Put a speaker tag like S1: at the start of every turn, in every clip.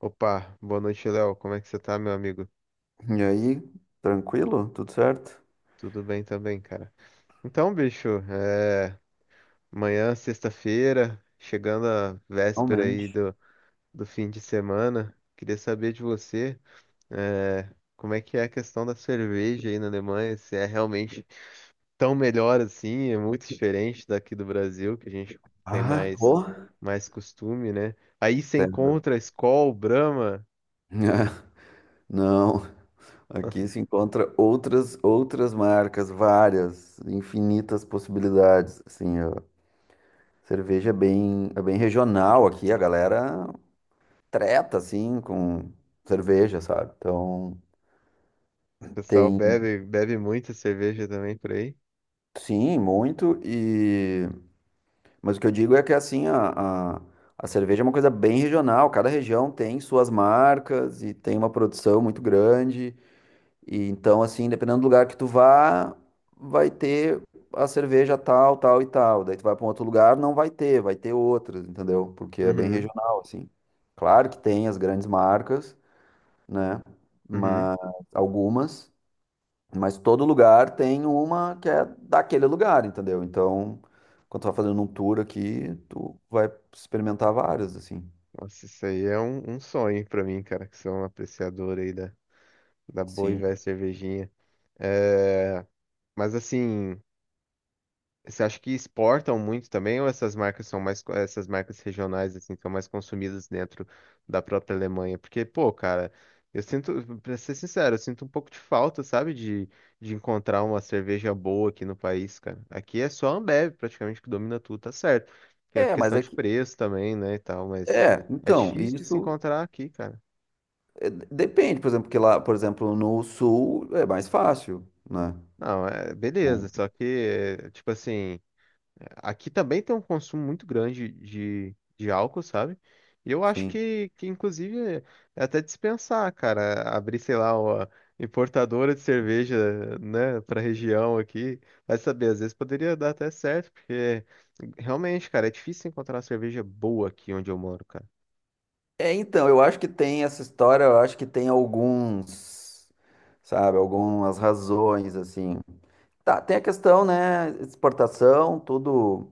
S1: Opa, boa noite, Léo. Como é que você tá, meu amigo?
S2: E aí, tranquilo? Tudo certo?
S1: Tudo bem também, cara. Então, bicho, amanhã, sexta-feira, chegando a véspera aí
S2: Realmente.
S1: do fim de semana, queria saber de você, é, como é que é a questão da cerveja aí na Alemanha, se é realmente tão melhor assim, é muito diferente daqui do Brasil, que a gente tem
S2: Ah,
S1: mais,
S2: porra.
S1: mais costume, né? Aí você
S2: Certo.
S1: encontra Skol, Brahma,
S2: Ah, não,
S1: o
S2: aqui se encontra outras marcas, várias, infinitas possibilidades. Assim, a cerveja é bem regional aqui, a galera treta assim com cerveja, sabe? Então,
S1: pessoal
S2: tem
S1: bebe, bebe muita cerveja também por aí.
S2: sim, muito e mas o que eu digo é que assim, a cerveja é uma coisa bem regional, cada região tem suas marcas e tem uma produção muito grande. E então, assim, dependendo do lugar que tu vá, vai ter a cerveja tal, tal e tal. Daí tu vai para um outro lugar, não vai ter, vai ter outras, entendeu? Porque é bem
S1: Uhum.
S2: regional, assim. Claro que tem as grandes marcas, né?
S1: Uhum.
S2: Mas algumas. Mas todo lugar tem uma que é daquele lugar, entendeu? Então, quando tu vai fazendo um tour aqui, tu vai experimentar várias, assim.
S1: Nossa, isso aí é um sonho pra mim, cara, que sou um apreciador aí da boa e
S2: Sim.
S1: velha cervejinha. É, mas assim. Você acha que exportam muito também, ou essas marcas são mais, essas marcas regionais assim são mais consumidas dentro da própria Alemanha? Porque, pô, cara, eu sinto, pra ser sincero, eu sinto um pouco de falta, sabe, de encontrar uma cerveja boa aqui no país, cara. Aqui é só a Ambev praticamente que domina tudo, tá certo? Que é
S2: É, mas
S1: questão
S2: é
S1: de
S2: que.
S1: preço também, né, e tal, mas
S2: É,
S1: é
S2: então,
S1: difícil de se
S2: isso
S1: encontrar aqui, cara.
S2: é, depende, por exemplo, porque lá, por exemplo, no sul é mais fácil, né?
S1: Não, é beleza,
S2: Hum,
S1: só que, é, tipo assim. Aqui também tem um consumo muito grande de álcool, sabe? E eu acho
S2: sim.
S1: que inclusive, é até dispensar, cara, abrir, sei lá, uma importadora de cerveja, né, pra região aqui. Vai saber, às vezes poderia dar até certo, porque realmente, cara, é difícil encontrar cerveja boa aqui onde eu moro, cara.
S2: É, então, eu acho que tem essa história, eu acho que tem alguns, sabe, algumas razões, assim. Tá, tem a questão, né? Exportação, tudo.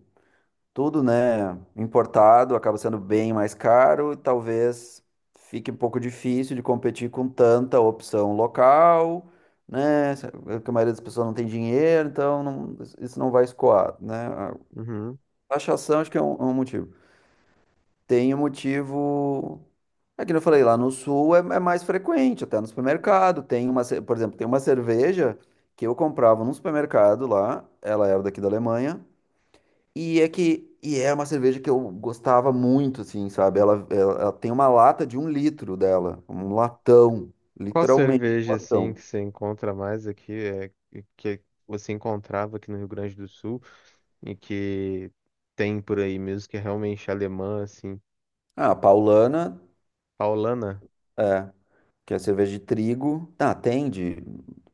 S2: Tudo, né, importado, acaba sendo bem mais caro e talvez fique um pouco difícil de competir com tanta opção local, né, é que a maioria das pessoas não tem dinheiro, então isso não vai escoar, né. A
S1: Uhum.
S2: taxação acho que é um motivo. Tem um motivo, é que eu falei, lá no sul é, é mais frequente, até no supermercado, tem uma, por exemplo, tem uma cerveja que eu comprava num supermercado lá, ela era daqui da Alemanha, e é uma cerveja que eu gostava muito, assim, sabe? Ela tem uma lata de um litro dela, um latão,
S1: Qual
S2: literalmente um
S1: cerveja, assim, que
S2: latão.
S1: você encontra mais aqui, é, que você encontrava aqui no Rio Grande do Sul e que tem por aí mesmo, que é realmente alemã, assim?
S2: Ah, a Paulana,
S1: Paulana?
S2: é, que é cerveja de trigo. Ah, tem de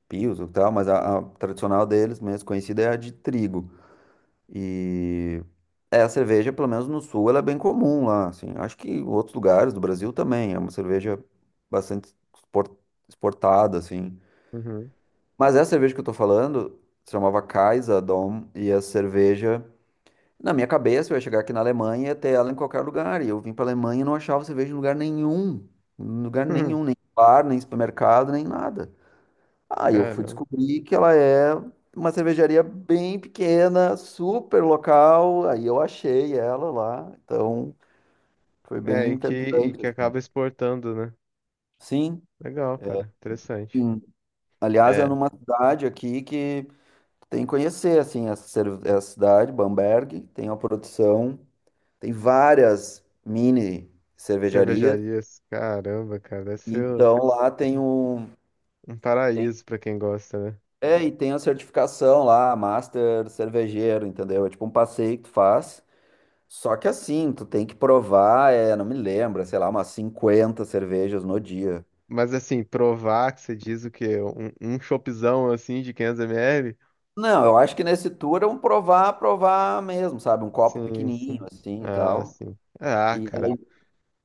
S2: Pilsen e tal, mas a tradicional deles, mesmo conhecida, é a de trigo. E é, a cerveja, pelo menos no sul, ela é bem comum lá, assim. Acho que em outros lugares do Brasil também, é uma cerveja bastante exportada, assim.
S1: Uhum.
S2: Mas essa cerveja que eu tô falando se chamava Kaiser Dom e a cerveja. Na minha cabeça, eu ia chegar aqui na Alemanha e ia ter ela em qualquer lugar. E eu vim pra Alemanha e não achava cerveja em lugar nenhum. Em lugar nenhum, nem bar, nem supermercado, nem nada. Aí eu fui
S1: Caramba.
S2: descobrir que ela é uma cervejaria bem pequena, super local. Aí eu achei ela lá. Então foi bem
S1: É, e que, e
S2: interessante,
S1: que
S2: assim.
S1: acaba exportando, né?
S2: Sim.
S1: Legal, cara. Interessante.
S2: Sim. Aliás, é
S1: É.
S2: numa cidade aqui que tem que conhecer, assim, essa, essa cidade, Bamberg, tem uma produção, tem várias mini cervejarias,
S1: Cervejarias, caramba, cara, deve
S2: e
S1: ser um
S2: então lá tem um...
S1: um
S2: Tem.
S1: paraíso pra quem gosta, né?
S2: É, e tem a certificação lá, Master Cervejeiro, entendeu? É tipo um passeio que tu faz, só que assim, tu tem que provar, é, não me lembro, sei lá, umas 50 cervejas no dia.
S1: Mas assim, provar que você diz o quê? Um chopzão assim de 500 ml?
S2: Não, eu acho que nesse tour é um provar, provar mesmo, sabe? Um copo
S1: Sim,
S2: pequenininho,
S1: sim.
S2: assim, e
S1: Ah,
S2: tal.
S1: sim. Ah,
S2: E
S1: cara.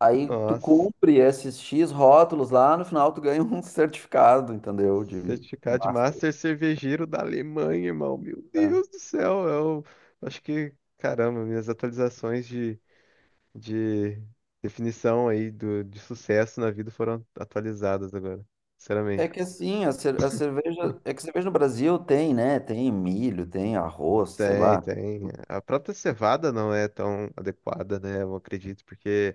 S2: aí tu
S1: Nossa.
S2: cumpre esses X rótulos lá, no final tu ganha um certificado, entendeu? De
S1: Certificado de
S2: master.
S1: Master Cervejeiro da Alemanha, irmão. Meu
S2: Né?
S1: Deus do céu. Eu acho que, caramba, minhas atualizações de definição aí do, de sucesso na vida foram atualizadas agora,
S2: É
S1: sinceramente.
S2: que assim, a cerveja. É que cerveja no Brasil tem, né? Tem milho, tem arroz, sei
S1: Tem,
S2: lá.
S1: tem. A própria cevada não é tão adequada, né? Eu acredito, porque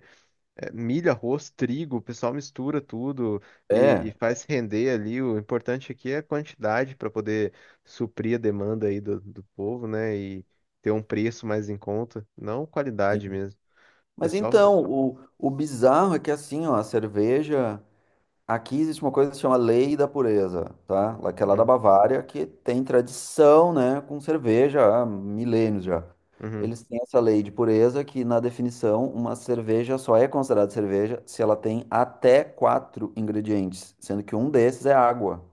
S1: é, milho, arroz, trigo, o pessoal mistura tudo e
S2: É.
S1: faz render ali. O importante aqui é a quantidade para poder suprir a demanda aí do, do povo, né? E ter um preço mais em conta, não qualidade
S2: Sim.
S1: mesmo.
S2: Mas
S1: Pessoal.
S2: então, o bizarro é que assim, ó, a cerveja. Aqui existe uma coisa que se chama Lei da Pureza, tá? Que é lá da
S1: Hum,
S2: Bavária, que tem tradição, né, com cerveja há milênios já.
S1: uhum.
S2: Eles têm essa lei de pureza que, na definição, uma cerveja só é considerada cerveja se ela tem até quatro ingredientes, sendo que um desses é água.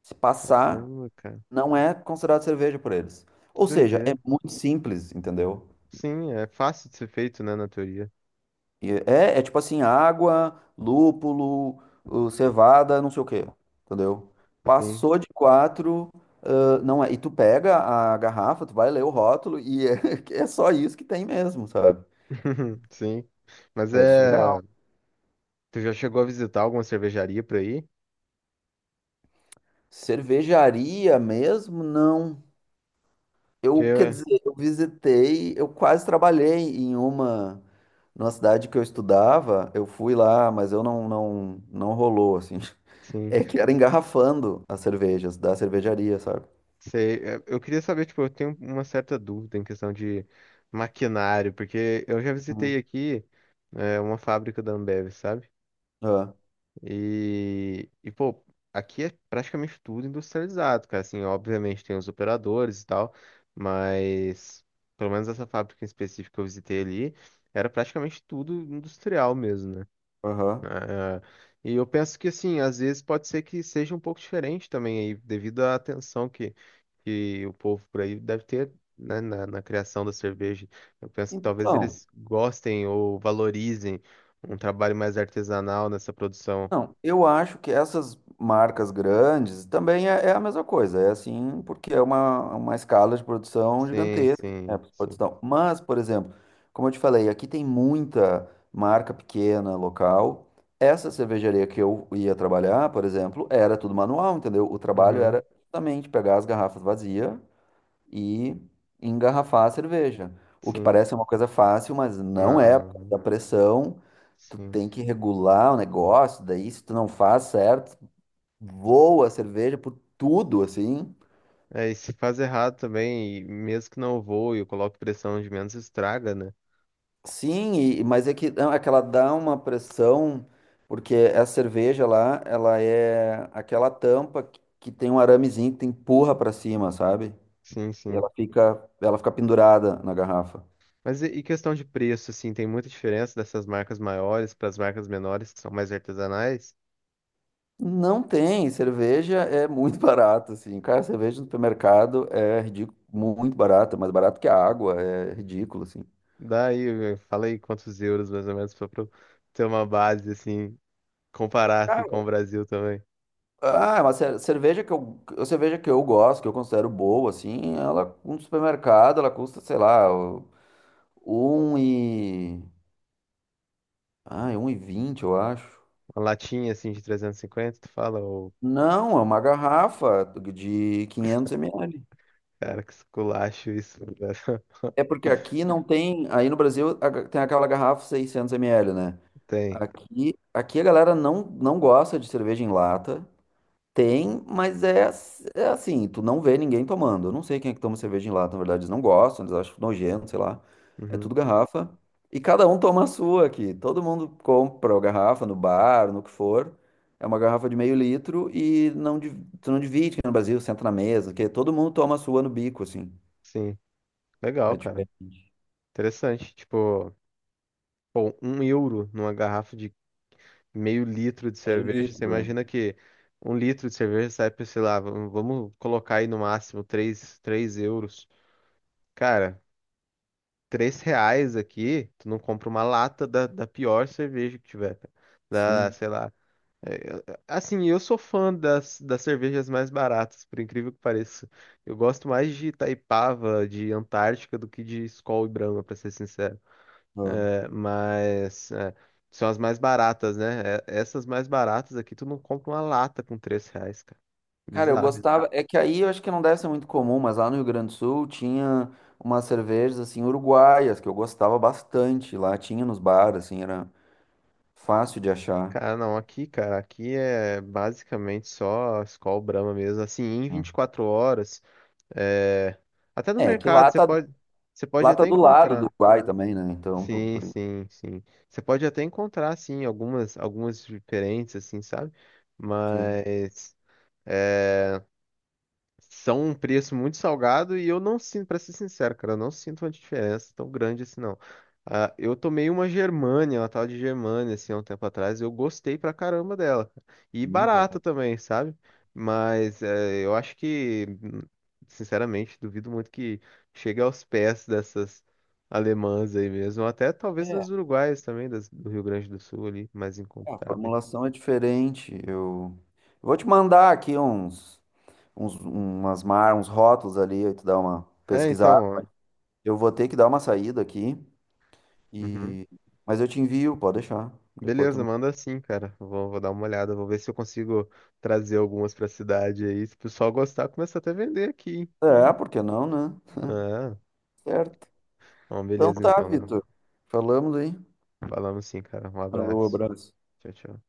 S2: Se passar,
S1: Caramba, cara,
S2: não é considerado cerveja por eles.
S1: que
S2: Ou seja, é
S1: doideira.
S2: muito simples, entendeu?
S1: Sim, é fácil de ser feito, né, na teoria.
S2: E é, é tipo assim, água, lúpulo, cevada, não sei o quê, entendeu?
S1: Sim,
S2: Passou de quatro, não é. E tu pega a garrafa, tu vai ler o rótulo e é, é só isso que tem mesmo, sabe?
S1: sim. Mas
S2: É surreal.
S1: é. Tu já chegou a visitar alguma cervejaria por aí?
S2: Cervejaria mesmo, não.
S1: Que,
S2: Eu, quer dizer, eu visitei, eu quase trabalhei em uma, numa cidade que eu estudava, eu fui lá, mas eu não rolou, assim.
S1: sim,
S2: É que era engarrafando as cervejas da cervejaria, sabe?
S1: sei. É, eu queria saber, tipo, eu tenho uma certa dúvida em questão de maquinário, porque eu já
S2: Hum,
S1: visitei aqui, é, uma fábrica da Ambev, sabe?
S2: é,
S1: Pô, aqui é praticamente tudo industrializado, cara. Assim, obviamente tem os operadores e tal, mas pelo menos essa fábrica em específico que eu visitei ali era praticamente tudo industrial mesmo, né?
S2: aham.
S1: Ah, ah. E eu penso que, assim, às vezes pode ser que seja um pouco diferente também aí, devido à atenção que o povo por aí deve ter. Né, na criação da cerveja, eu penso que talvez
S2: Então,
S1: eles gostem ou valorizem um trabalho mais artesanal nessa produção.
S2: não, eu acho que essas marcas grandes também é a mesma coisa. É assim, porque é uma escala de produção
S1: Sim,
S2: gigantesca, né,
S1: sim, sim.
S2: produção. Mas, por exemplo, como eu te falei, aqui tem muita marca pequena, local. Essa cervejaria que eu ia trabalhar, por exemplo, era tudo manual, entendeu? O trabalho
S1: Uhum,
S2: era justamente pegar as garrafas vazias e engarrafar a cerveja. O que
S1: sim.
S2: parece uma coisa fácil, mas não é, por causa
S1: Não,
S2: da pressão. Tu
S1: sim.
S2: tem que regular o negócio, daí se tu não faz certo, voa a cerveja por tudo, assim.
S1: É, e se faz errado também, e mesmo que não voe, eu coloco pressão de menos, estraga, né?
S2: Sim, mas é que, não, é que ela dá uma pressão, porque essa cerveja lá, ela é aquela tampa que tem um aramezinho que tu empurra pra cima, sabe?
S1: Sim,
S2: E
S1: sim.
S2: ela fica pendurada na garrafa.
S1: Mas e questão de preço, assim, tem muita diferença dessas marcas maiores para as marcas menores, que são mais artesanais?
S2: Não tem, cerveja é muito barata, assim. Cara, cerveja no supermercado é ridículo, muito barata, mais barato que a água, é ridículo, assim.
S1: Daí, fala aí quantos euros, mais ou menos, para ter uma base, assim, comparar aqui com
S2: Cara,
S1: o Brasil também.
S2: ah, mas a cerveja que eu gosto, que eu considero boa, assim, ela, no supermercado, ela custa, sei lá, um e... Ai, 1,20, eu acho.
S1: Uma latinha, assim, de 350 tu fala, ô,
S2: Não, é uma garrafa de 500 ml.
S1: cara, que esculacho isso, velho.
S2: É porque aqui não tem, aí no Brasil a tem aquela garrafa 600 ml, né?
S1: Tem.
S2: Aqui, aqui a galera não gosta de cerveja em lata. Tem, mas é, é assim, tu não vê ninguém tomando. Eu não sei quem é que toma cerveja em lata, na verdade, eles não gostam, eles acham nojento, sei lá. É
S1: Uhum,
S2: tudo garrafa. E cada um toma a sua aqui. Todo mundo compra a garrafa no bar, no que for. É uma garrafa de meio litro e não, tu não divide, que no Brasil, senta na mesa, que todo mundo toma a sua no bico, assim.
S1: sim. Legal,
S2: É
S1: cara.
S2: diferente.
S1: Interessante. Tipo, pô, um euro numa garrafa de meio litro de
S2: Meio
S1: cerveja.
S2: litro,
S1: Você
S2: né?
S1: imagina que um litro de cerveja sai por, sei lá, vamos colocar aí no máximo 3, três euros. Cara, 3 reais aqui, tu não compra uma lata da, da pior cerveja que tiver, cara. Da,
S2: Sim.
S1: sei lá. é, Assim, eu sou fã das, das cervejas mais baratas, por incrível que pareça. Eu gosto mais de Itaipava, de Antártica, do que de Skol e Brahma, pra ser sincero.
S2: É.
S1: Mas é, são as mais baratas, né? Essas mais baratas aqui, tu não compra uma lata com três reais, cara.
S2: Cara, eu
S1: Bizarro.
S2: gostava. É que aí eu acho que não deve ser muito comum, mas lá no Rio Grande do Sul tinha umas cervejas assim uruguaias que eu gostava bastante. Lá tinha nos bares, assim, era fácil de achar.
S1: Cara, não, aqui, cara, aqui é basicamente só Skol Brahma mesmo. Assim, em
S2: Ah,
S1: 24 horas, é, até no
S2: É, que
S1: mercado,
S2: lá tá,
S1: você pode
S2: lá tá
S1: até
S2: do lado do
S1: encontrar.
S2: Uruguai também, né? Então,
S1: Sim,
S2: por isso,
S1: sim, sim. Você pode até encontrar, sim, algumas, algumas diferentes, assim, sabe?
S2: sim.
S1: Mas. É, são um preço muito salgado e eu não sinto, pra ser sincero, cara, eu não sinto uma diferença tão grande assim, não. Ah, eu tomei uma Germânia, uma tal de Germânia, assim, há um tempo atrás, e eu gostei pra caramba dela, cara. E
S2: Nem
S1: barata
S2: conheço.
S1: também, sabe? Mas eu acho que, sinceramente, duvido muito que chegue aos pés dessas alemãs aí mesmo, ou até talvez
S2: É,
S1: dos uruguaios também, do Rio Grande do Sul ali, mais
S2: a
S1: encontráveis.
S2: formulação é diferente. Eu vou te mandar aqui uns rótulos ali, aí tu dá uma
S1: É,
S2: pesquisada.
S1: então, ó.
S2: Eu vou ter que dar uma saída aqui,
S1: Uhum.
S2: e... Mas eu te envio, pode deixar. Depois
S1: Beleza,
S2: tu...
S1: manda assim, cara. Vou, vou dar uma olhada, vou ver se eu consigo trazer algumas pra cidade aí. Se o pessoal gostar, começa até a vender aqui, hein?
S2: É, por que não, né?
S1: Ah,
S2: Certo.
S1: bom,
S2: Então
S1: beleza
S2: tá,
S1: então, Léo.
S2: Vitor. Falamos aí.
S1: Falamos sim, cara. Um
S2: Alô,
S1: abraço.
S2: abraço.
S1: Tchau, tchau.